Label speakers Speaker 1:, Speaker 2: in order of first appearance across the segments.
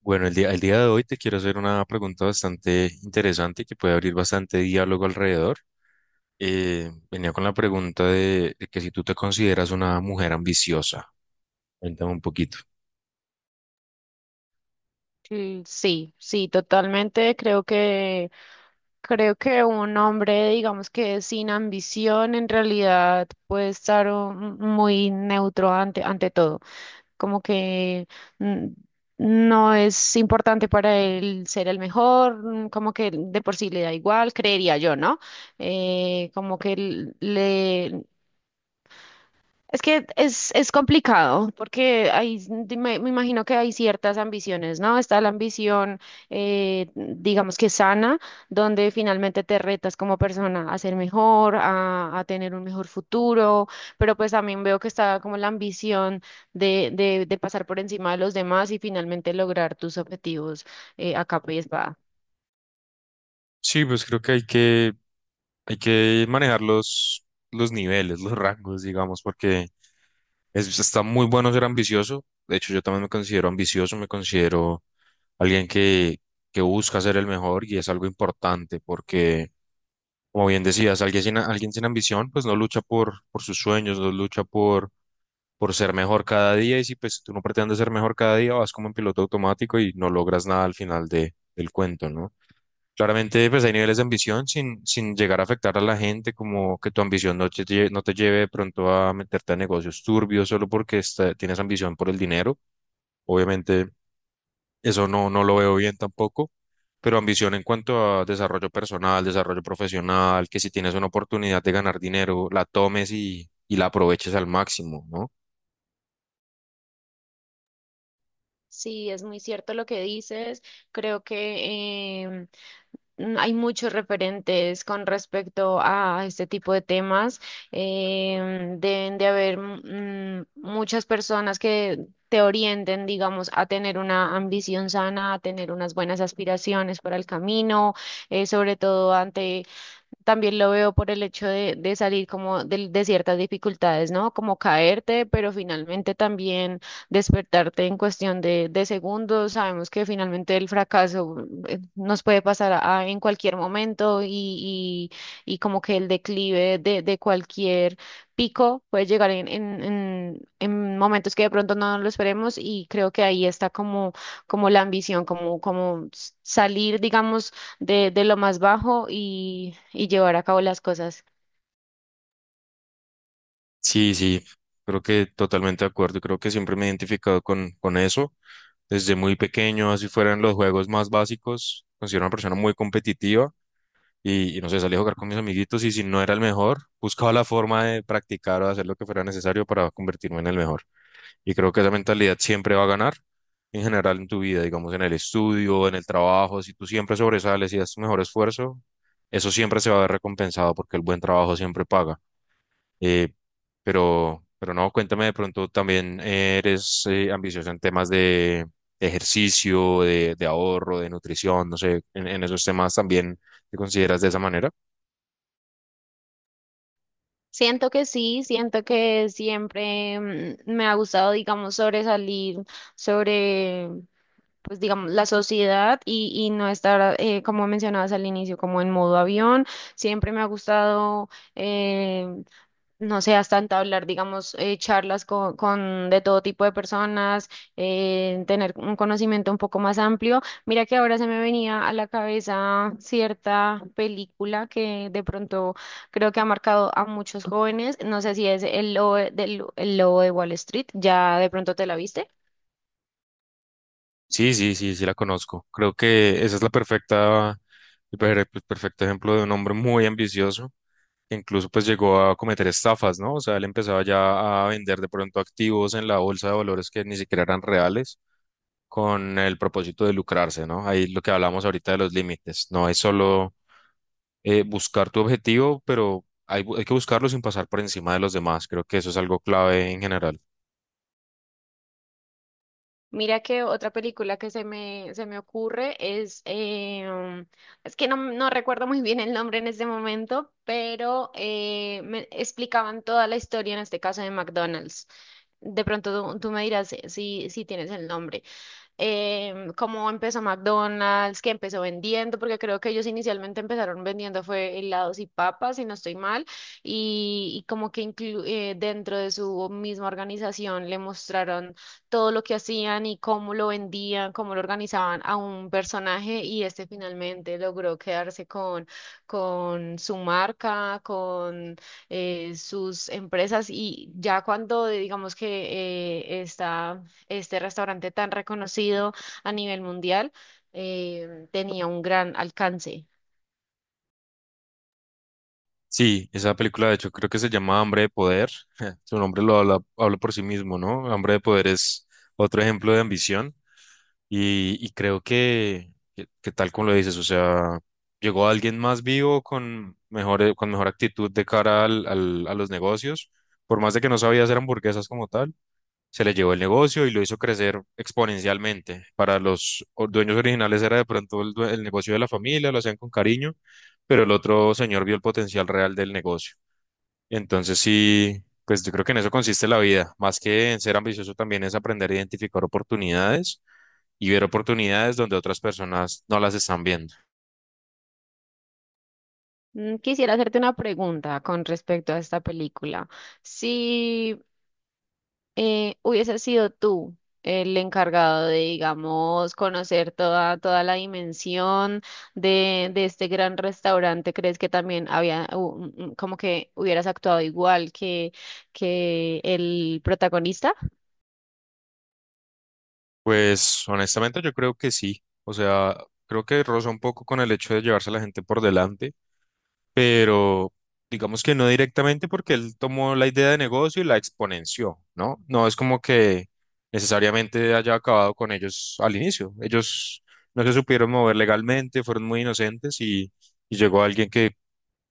Speaker 1: Bueno, el día de hoy te quiero hacer una pregunta bastante interesante que puede abrir bastante diálogo alrededor. Venía con la pregunta de que si tú te consideras una mujer ambiciosa, cuéntame un poquito.
Speaker 2: Sí, sí, totalmente. Creo que un hombre, digamos que sin ambición, en realidad puede estar muy neutro ante todo. Como que mm, no es importante para él ser el mejor, mm, como que de por sí le da igual, creería yo, ¿no? Como que le es que es complicado porque me imagino que hay ciertas ambiciones, ¿no? Está la ambición, digamos que sana, donde finalmente te retas como persona a ser mejor, a tener un mejor futuro, pero pues también veo que está como la ambición de pasar por encima de los demás y finalmente lograr tus objetivos a capa y espada.
Speaker 1: Sí, pues creo que hay hay que manejar los niveles, los rangos, digamos, porque está muy bueno ser ambicioso. De hecho, yo también me considero ambicioso, me considero alguien que busca ser el mejor y es algo importante porque... Como bien decías, alguien sin ambición, pues no lucha por sus sueños, no lucha por ser mejor cada día. Y si pues si tú no pretendes ser mejor cada día, vas como en piloto automático y no logras nada al final del cuento, ¿no? Claramente, pues hay niveles de ambición sin llegar a afectar a la gente, como que tu ambición no te, no te lleve de pronto a meterte a negocios turbios solo porque tienes ambición por el dinero. Obviamente eso no lo veo bien tampoco, pero ambición en cuanto a desarrollo personal, desarrollo profesional, que si tienes una oportunidad de ganar dinero, la tomes y la aproveches al máximo, ¿no?
Speaker 2: Sí, es muy cierto lo que dices. Creo que hay muchos referentes con respecto a este tipo de temas. Deben de haber muchas personas que te orienten, digamos, a tener una ambición sana, a tener unas buenas aspiraciones para el camino, sobre todo ante también lo veo por el hecho de salir como de ciertas dificultades, ¿no? Como caerte, pero finalmente también despertarte en cuestión de segundos. Sabemos que finalmente el fracaso nos puede pasar en cualquier momento y como que el declive de cualquier pico puede llegar en momentos que de pronto no lo esperemos, y creo que ahí está como, como la ambición, como, como salir, digamos de lo más bajo y llevar a cabo las cosas.
Speaker 1: Sí, sí, creo que totalmente de acuerdo, y creo que siempre me he identificado con eso. Desde muy pequeño, así fueran los juegos más básicos, considero una persona muy competitiva y no sé, salí a jugar con mis amiguitos y si no era el mejor, buscaba la forma de practicar o de hacer lo que fuera necesario para convertirme en el mejor. Y creo que esa mentalidad siempre va a ganar en general en tu vida, digamos, en el estudio, en el trabajo. Si tú siempre sobresales y das tu mejor esfuerzo, eso siempre se va a ver recompensado porque el buen trabajo siempre paga. Eh, pero no, cuéntame de pronto, también eres ambicioso en temas de ejercicio, de ahorro, de nutrición, no sé, en esos temas también te consideras de esa manera.
Speaker 2: Siento que sí, siento que siempre me ha gustado, digamos, sobresalir sobre, pues, digamos, la sociedad y no estar, como mencionabas al inicio, como en modo avión. Siempre me ha gustado eh, no seas hasta hablar, digamos, charlas con de todo tipo de personas, tener un conocimiento un poco más amplio. Mira que ahora se me venía a la cabeza cierta película que de pronto creo que ha marcado a muchos jóvenes. No sé si es El Lobo El Lobo de Wall Street, ¿ya de pronto te la viste?
Speaker 1: Sí, sí, sí, sí la conozco. Creo que esa es la perfecta, el perfecto ejemplo de un hombre muy ambicioso, incluso pues llegó a cometer estafas, ¿no? O sea, él empezaba ya a vender de pronto activos en la bolsa de valores que ni siquiera eran reales con el propósito de lucrarse, ¿no? Ahí lo que hablamos ahorita de los límites, no es solo buscar tu objetivo, pero hay que buscarlo sin pasar por encima de los demás, creo que eso es algo clave en general.
Speaker 2: Mira que otra película que se me ocurre es, es que no, no recuerdo muy bien el nombre en este momento, pero me explicaban toda la historia, en este caso de McDonald's. De pronto tú me dirás si, si tienes el nombre, cómo empezó McDonald's, que empezó vendiendo, porque creo que ellos inicialmente empezaron vendiendo fue helados y papas, si no estoy mal, y como que dentro de su misma organización le mostraron todo lo que hacían y cómo lo vendían, cómo lo organizaban a un personaje, y este finalmente logró quedarse con su marca, con sus empresas, y ya cuando digamos que está este restaurante tan reconocido a nivel mundial, tenía un gran alcance.
Speaker 1: Sí, esa película de hecho creo que se llama Hambre de Poder, su nombre lo habla, habla por sí mismo, ¿no? Hambre de Poder es otro ejemplo de ambición. Y creo que tal como lo dices, o sea, llegó alguien más vivo con mejor actitud de cara a los negocios, por más de que no sabía hacer hamburguesas como tal, se le llevó el negocio y lo hizo crecer exponencialmente. Para los dueños originales era de pronto el negocio de la familia, lo hacían con cariño, pero el otro señor vio el potencial real del negocio. Entonces sí, pues yo creo que en eso consiste la vida, más que en ser ambicioso también es aprender a identificar oportunidades y ver oportunidades donde otras personas no las están viendo.
Speaker 2: Quisiera hacerte una pregunta con respecto a esta película. Si hubiese sido tú el encargado de, digamos, conocer toda, toda la dimensión de este gran restaurante, ¿crees que también había, como que hubieras actuado igual que el protagonista?
Speaker 1: Pues honestamente yo creo que sí, o sea, creo que roza un poco con el hecho de llevarse a la gente por delante. Pero digamos que no directamente porque él tomó la idea de negocio y la exponenció, ¿no? No es como que necesariamente haya acabado con ellos al inicio. Ellos no se supieron mover legalmente, fueron muy inocentes y llegó alguien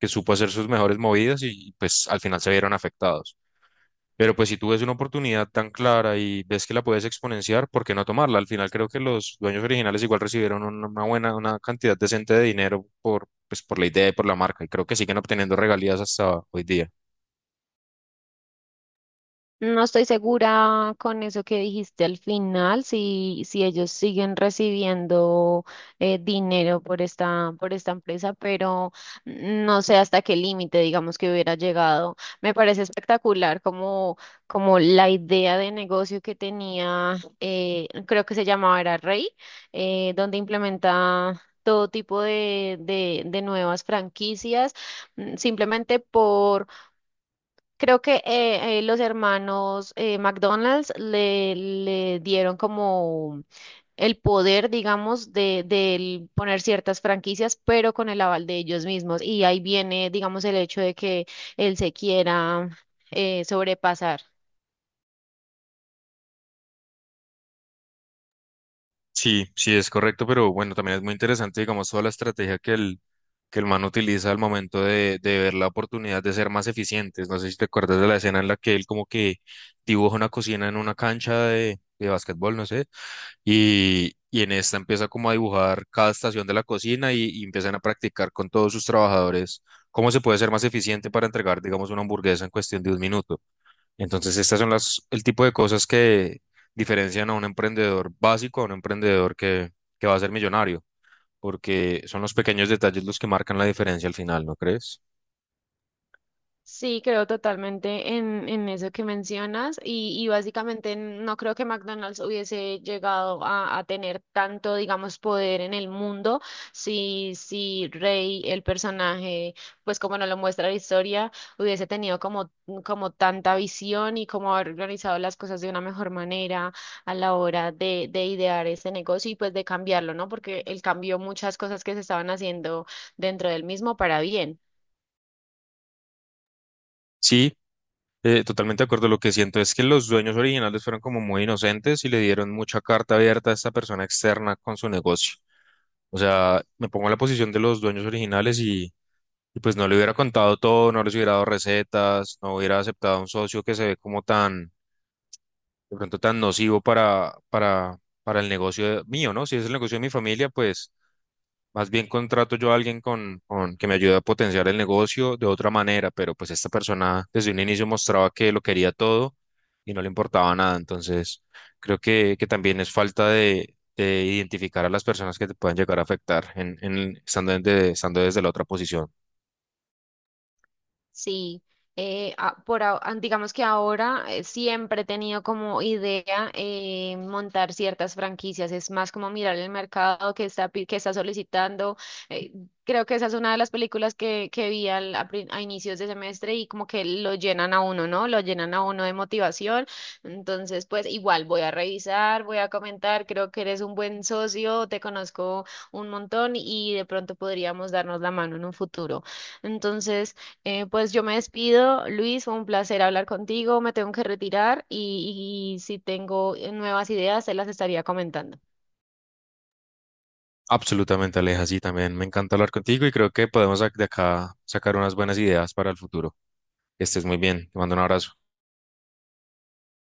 Speaker 1: que supo hacer sus mejores movidas y pues al final se vieron afectados. Pero pues si tú ves una oportunidad tan clara y ves que la puedes exponenciar, ¿por qué no tomarla? Al final creo que los dueños originales igual recibieron una buena, una cantidad decente de dinero por, pues, por la idea y por la marca, y creo que siguen obteniendo regalías hasta hoy día.
Speaker 2: No estoy segura con eso que dijiste al final, si, si ellos siguen recibiendo dinero por esta empresa, pero no sé hasta qué límite, digamos, que hubiera llegado. Me parece espectacular como, como la idea de negocio que tenía, creo que se llamaba era Rey, donde implementa todo tipo de, de nuevas franquicias, simplemente por creo que los hermanos McDonald's le dieron como el poder, digamos, de, del poner ciertas franquicias, pero con el aval de ellos mismos. Y ahí viene, digamos, el hecho de que él se quiera sobrepasar.
Speaker 1: Sí, sí, es correcto, pero bueno, también es muy interesante, digamos, toda la estrategia que el man utiliza al momento de ver la oportunidad de ser más eficientes. No sé si te acuerdas de la escena en la que él como que dibuja una cocina en una cancha de básquetbol, no sé, y en esta empieza como a dibujar cada estación de la cocina y empiezan a practicar con todos sus trabajadores cómo se puede ser más eficiente para entregar, digamos, una hamburguesa en cuestión de un minuto. Entonces, estas son las, el tipo de cosas que diferencian a un emprendedor básico a un emprendedor que va a ser millonario, porque son los pequeños detalles los que marcan la diferencia al final, ¿no crees?
Speaker 2: Sí, creo totalmente en eso que mencionas, y básicamente no creo que McDonald's hubiese llegado a tener tanto, digamos, poder en el mundo si, si Rey, el personaje, pues como nos lo muestra la historia, hubiese tenido como, como tanta visión y como haber organizado las cosas de una mejor manera a la hora de idear ese negocio y pues de cambiarlo, ¿no? Porque él cambió muchas cosas que se estaban haciendo dentro del mismo para bien.
Speaker 1: Sí, totalmente de acuerdo. Lo que siento es que los dueños originales fueron como muy inocentes y le dieron mucha carta abierta a esta persona externa con su negocio. O sea, me pongo en la posición de los dueños originales y pues no le hubiera contado todo, no les hubiera dado recetas, no hubiera aceptado a un socio que se ve como tan de pronto tan nocivo para el negocio mío, ¿no? Si es el negocio de mi familia, pues más bien contrato yo a alguien con que me ayude a potenciar el negocio de otra manera, pero pues esta persona desde un inicio mostraba que lo quería todo y no le importaba nada, entonces creo que también es falta de identificar a las personas que te pueden llegar a afectar estando desde la otra posición.
Speaker 2: Sí, digamos que ahora siempre he tenido como idea montar ciertas franquicias, es más como mirar el mercado que está, que está solicitando. eh, Creo que esa es una de las películas que vi a inicios de semestre y como que lo llenan a uno, ¿no? Lo llenan a uno de motivación. Entonces, pues igual voy a revisar, voy a comentar, creo que eres un buen socio, te conozco un montón y de pronto podríamos darnos la mano en un futuro. Entonces... pues yo me despido, Luis, fue un placer hablar contigo, me tengo que retirar, y si tengo nuevas ideas, se las estaría comentando.
Speaker 1: Absolutamente, Aleja, sí, también me encanta hablar contigo y creo que podemos de acá sacar unas buenas ideas para el futuro. Que estés muy bien. Te mando un abrazo.